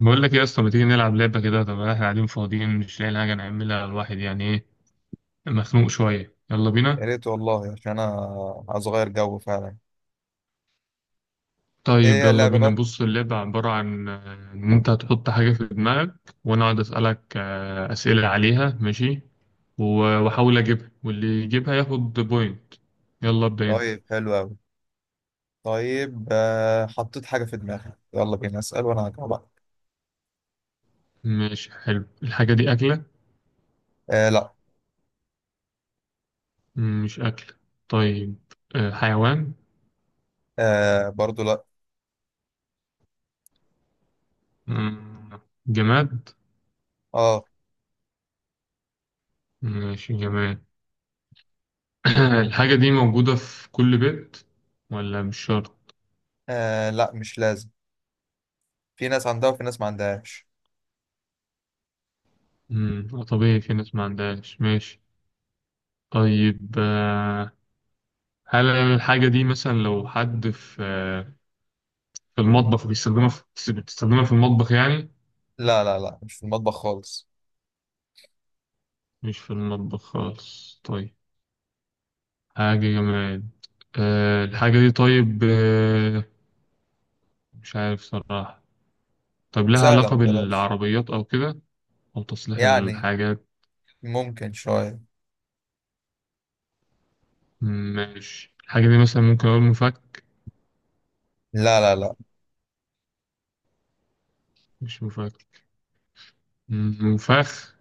بقول لك إيه يا اسطى؟ ما تيجي نلعب لعبة كده. طب احنا قاعدين فاضيين، مش لاقيين حاجة نعملها. الواحد يعني ايه، مخنوق شوية. يلا يا بينا. ريت والله، عشان انا عايز اغير جو فعلا. ايه طيب هي يلا اللعبه بينا. بقى؟ بص، اللعبة عبارة عن ان انت هتحط حاجة في دماغك، وانا اقعد اسألك اسئلة عليها. ماشي. و- واحاول اجيبها، واللي يجيبها ياخد بوينت. يلا ابدأ انت. طيب، حلو قوي. طيب حطيت حاجه في دماغي، يلا بينا اسال وانا هجاوبك. ماشي، حلو. الحاجة دي أكلة؟ آه، لا. مش أكلة. طيب، حيوان؟ آه، برضو لا. مم، جماد؟ آه. ماشي، جماد. الحاجة دي موجودة في كل بيت ولا مش شرط؟ اه لا، مش لازم. في ناس عندها وفي ناس ما عندهاش. مم. طبيعي، في ناس ما عندهاش. ماشي. طيب هل الحاجة دي مثلا لو حد في في المطبخ بيستخدمها، في بتستخدمها في المطبخ يعني؟ لا، مش في المطبخ خالص. مش في المطبخ خالص. طيب، حاجة جماد. أه الحاجة دي، طيب أه مش عارف صراحة. طب لها سهله، علاقة ما تقلقش. بالعربيات أو كده، أو تصليح يعني الحاجات؟ ممكن شويه. ماشي. الحاجة دي مثلا ممكن أقول مفك؟ لا. مش مفك. مفاخ؟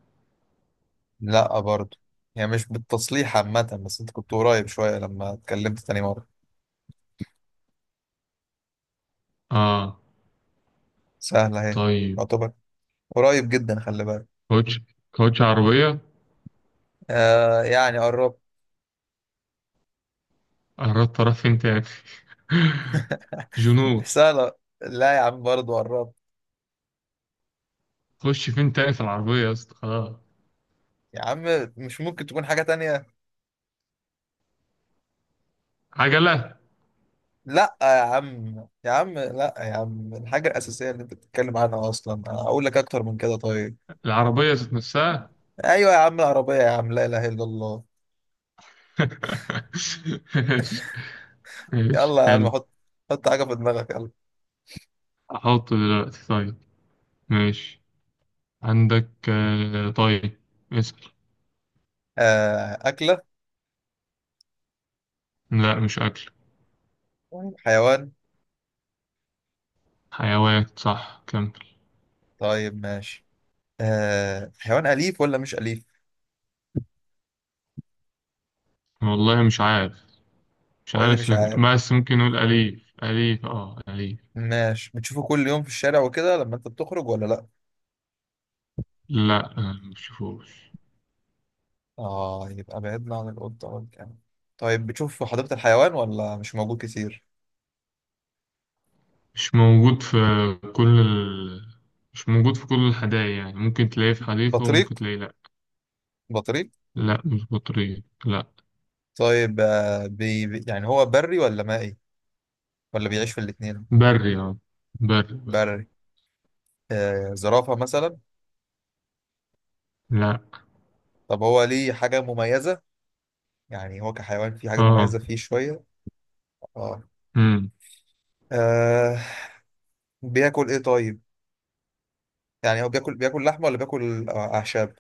لا برضو. يعني مش بالتصليح عامه، بس انت كنت قريب شويه لما اتكلمت تاني مره. اه سهله اهي. طيب، يعتبر. قريب جدا، خلي بالك. كوتش؟ كوتش عربية؟ آه، يعني قربت. قربت، اروح فين تاني؟ جنود؟ سهلة. لا يا عم، برضه قربت. خش فين تاني في العربية يا اسطى، خلاص. يا عم، مش ممكن تكون حاجة تانية. عجلة؟ لا يا عم يا عم لا يا عم، الحاجة الأساسية اللي أنت بتتكلم عنها أصلا. أقول لك أكتر من كده طيب. العربية ذات نفسها؟ أيوة يا عم، العربية يا عم. لا إله إلا الله. ماشي، ماشي يلا يا عم، حلو. حط. حط حاجة في دماغك، يلا. احطه دلوقتي، طيب. ماشي، عندك طيب. اسأل. آه، أكلة. لا، مش اكل. طيب، حيوان. حيوان، صح، كمل. طيب ماشي. آه، حيوان أليف ولا مش أليف؟ والله مش عارف، مش هو إيه اللي مش عارف. عارف؟ بس ممكن نقول أليف، أليف، اه أليف. ماشي. بتشوفه كل يوم في الشارع وكده لما أنت بتخرج ولا لأ؟ لا مش شوفوش. اه، يبقى بعدنا عن القطة والكلب. طيب بتشوف في حديقة الحيوان ولا مش موجود كتير؟ مش موجود في كل ال... مش موجود في كل الحدائق يعني، ممكن تلاقيه في حديقة بطريق. وممكن تلاقيه لأ. بطريق. لأ مش بطريق، لأ. طيب آه، يعني هو بري ولا مائي، ولا بيعيش في الاتنين؟ بري، اه. بري، بري. بري. آه، زرافة مثلا. لأ. طب هو ليه حاجة مميزة؟ يعني هو كحيوان فيه حاجة اه. مميزة؟ فيه شوية. اه. مم. آه، بياكل ايه طيب؟ يعني هو بياكل لحمة ولا بياكل أعشاب؟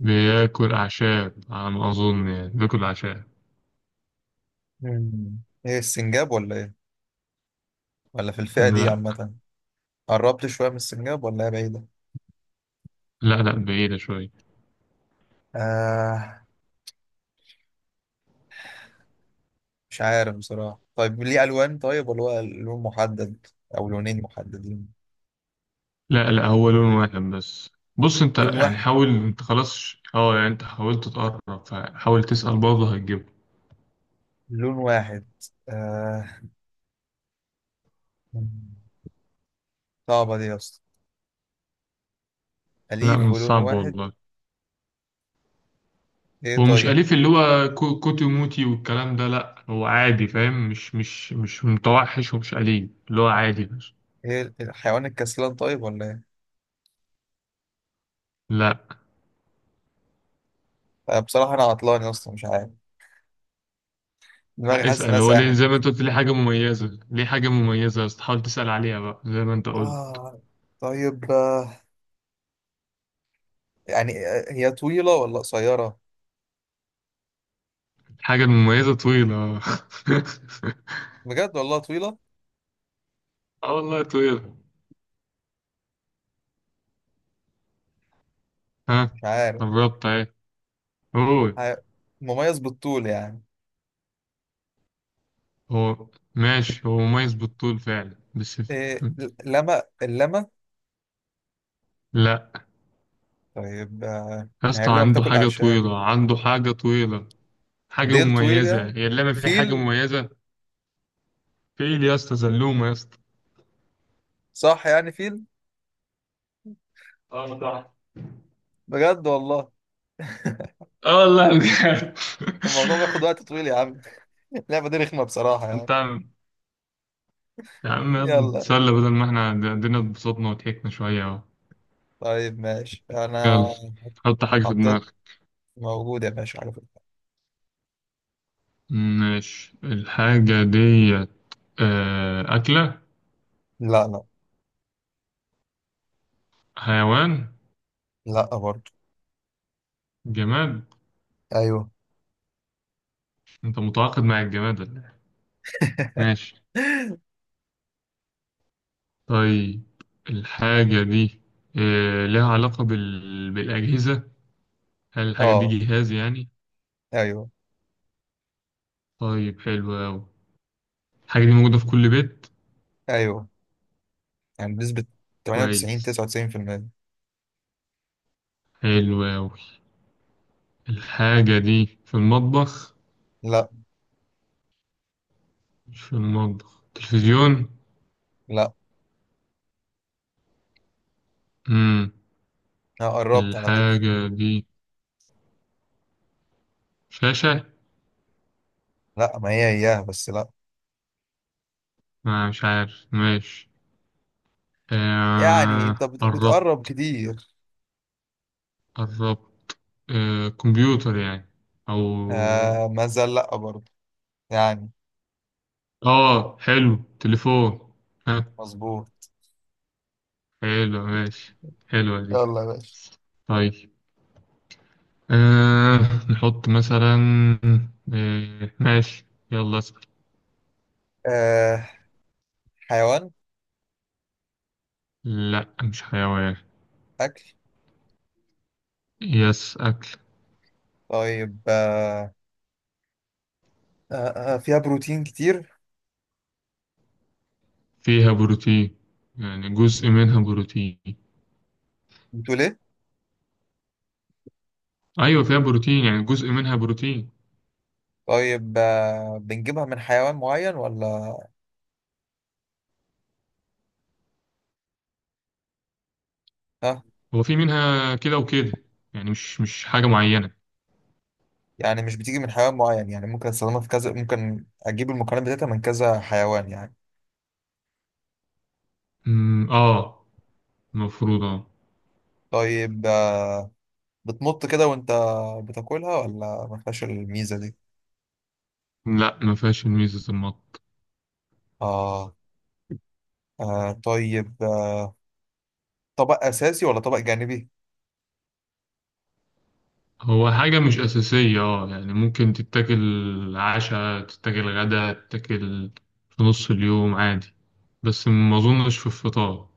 بياكل أعشاب على ما أظن، يعني بياكل أعشاب. مم. ايه، السنجاب ولا ايه، ولا في الفئة دي لأ عامة؟ قربت شوية من السنجاب ولا هي بعيدة؟ لأ لأ، بعيدة شوية. آه، مش عارف بصراحة. طيب ليه ألوان؟ طيب ولا هو لون محدد أو لونين محددين؟ لأ هو لون واحد بس. بص أنت لون يعني، واحد. حاول أنت خلاص، اه يعني أنت حاولت تقرب، فحاول تسأل برضه هتجيبه. لون واحد. آه... صعبة دي يا اسطى. لأ أليف مش ولون صعب واحد. والله. إيه هو مش طيب؟ أليف اللي هو كوتي موتي والكلام ده، لأ هو عادي، فاهم؟ مش متوحش ومش أليف، اللي هو عادي بس. إيه، الحيوان الكسلان طيب ولا إيه؟ لأ آه، بصراحة أنا عطلان يا اسطى، مش عارف. دماغي لأ حاسس إنها اسأل. هو ليه ساحت. زي ما أنت قلت، ليه حاجة مميزة، ليه حاجة مميزة، بس تحاول تسأل عليها بقى زي ما أنت قلت. آه طيب آه... يعني هي طويلة ولا قصيرة؟ الحاجة المميزة طويلة. بجد والله طويلة. اه والله طويلة. ها؟ مش عارف. قربت اهي. هو، ح- مميز بالطول يعني؟ هو، ماشي. هو مميز بالطول فعلا بس. إيه لما اللمة؟ لأ طيب آه... يا ما هي اسطى، اللمة عنده بتاكل حاجة أعشاب. طويلة، عنده حاجة طويلة، حاجة ديل طويل مميزة، يعني؟ هي اللعبة فيها حاجة فيل. مميزة. في ايه يا اسطى، زلومه يا اسطى. صح يعني، فيل؟ اه صح. بجد والله. اه والله بجد. الموضوع بياخد وقت طويل يا عم. اللعبة دي رخمة بصراحة انت يعني. عم، يا عم يلا يلا. نتسلى بدل ما احنا الدنيا، اتبسطنا وضحكنا شويه اهو. طيب ماشي، أنا يلا، حط حاجه في حطيت. دماغك. موجود يا باشا على فكرة. ماشي، الحاجه ديت اكله؟ لا. لا. حيوان؟ لا برضه. جماد؟ أيوه. انت متعاقد مع الجماد ولا إيه؟ ماشي، طيب. الحاجه دي لها بالاجهزه؟ هل الحاجه دي أه. جهاز يعني؟ أيوه. طيب حلو قوي. الحاجه دي موجوده في كل بيت؟ أيوه، يعني بنسبة 98 كويس، 99%. حلو أوي. الحاجة دي في المطبخ؟ لا. مش في المطبخ. تلفزيون؟ لا، مم. أنا قربت على فكرة. الحاجة دي شاشة؟ لا، ما هي إياها بس، لا. آه مش عارف، ماشي. يعني آه أنت بتقرب قربت، كتير. قربت. آه كمبيوتر يعني، أو؟ آه، ما زال لا برضه يعني. آه حلو، تليفون؟ ها؟ مظبوط. حلو، ماشي، حلوة دي. يلا يا باشا. طيب آه نحط مثلا ماشي، يلا. آه، حيوان. لا مش حيوان. أكل. يس، أكل. طيب آه، آه، آه، فيها بروتين كتير. فيها بروتين، يعني جزء منها بروتين. بتقول إيه؟ أيوة فيها بروتين، يعني جزء منها بروتين. طيب آه، بنجيبها من حيوان معين ولا؟ ها. هو في منها كده وكده، يعني مش حاجة معينة. يعني مش بتيجي من حيوان معين، يعني ممكن استخدمها في كذا، ممكن أجيب المكونات بتاعتها من كذا حيوان يعني. آه، المفروض آه. طيب آه، بتمط كده وأنت بتاكلها ولا ما فيهاش الميزة دي؟ لا ما فيهاش ميزة المط. آه. آه طيب آه، طبق أساسي ولا طبق جانبي؟ هو حاجة مش أساسية آه، يعني ممكن تتاكل عشاء، تتاكل غدا، تتاكل في نص اليوم عادي. بس ما أظنش في الفطار.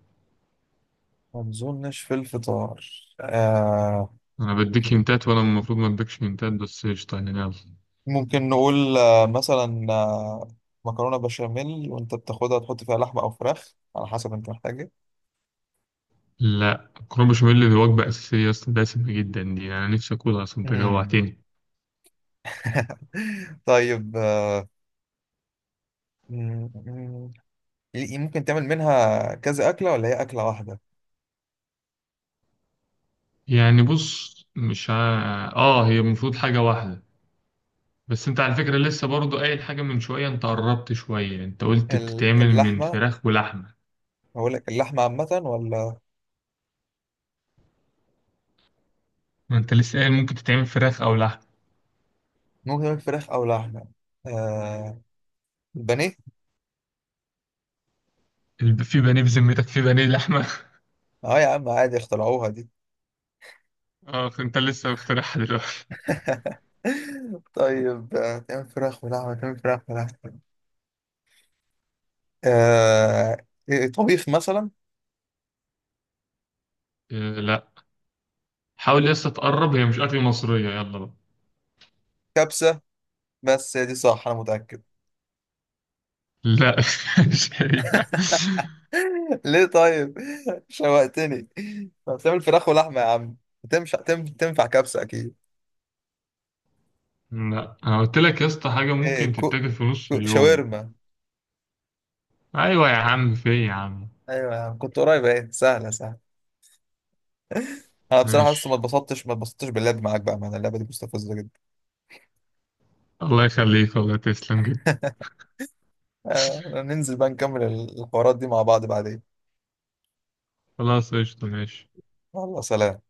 ما أظنش في الفطار. آه، أنا بديك هنتات وأنا المفروض ما أديكش هنتات، بس قشطة يعني يلا. ممكن نقول مثلا مكرونة بشاميل، وانت بتاخدها تحط فيها لحمة او فراخ على حسب انت محتاج ايه. لا مكرونة بشاميل دي وجبة أساسية أصلا، دسمة جدا دي، أنا نفسي أكلها أصلا، أنت مم. جوعتني. طيب آه، مم، مم. ممكن تعمل منها كذا أكلة ولا هي أكلة واحدة؟ يعني بص، مش ع... آه هي المفروض حاجة واحدة. بس أنت على فكرة لسه برضو قايل حاجة من شوية، أنت قربت شوية، أنت قلت بتتعمل من اللحمة. فراخ ولحمة. هقول لك اللحمة عامة ولا؟ ما أنت لسه قايل ممكن تتعمل فراخ أو لحمة. ممكن تعمل فراخ أو لحمة. آه، البانيه. في بانيه بذمتك؟ في بانيه لحمة؟ اه يا عم عادي، اخترعوها دي. آه أنت لسه مخترعها دلوقتي. طيب آه، تعمل فراخ ولحمة. آه، إيه، طبيخ مثلا؟ آه لا، حاول لسه تقرب، هي مش أكل مصرية، يلا بقى. كبسة، بس هي دي صح انا متاكد. لا مش هي. ليه طيب؟ شوقتني. طب تعمل فراخ ولحمه يا عم، تنفع كبسه اكيد. لا انا قلت لك يا اسطى، حاجه ايه، ممكن تتاكل في نص اليوم. شاورما. ايوه يا عم، في إيه يا عم. ايوه يا عم، كنت قريب. ايه سهله، سهله. انا بصراحه لسه ما ماشي، اتبسطتش ما اتبسطتش باللعب معاك. بقى معنا اللعبه دي مستفزه جدا. الله يخليك، والله تسلم جدا. آه، ننزل بقى نكمل الحوارات دي مع بعض بعدين. خلاص قشطه، ماشي. يلا سلام.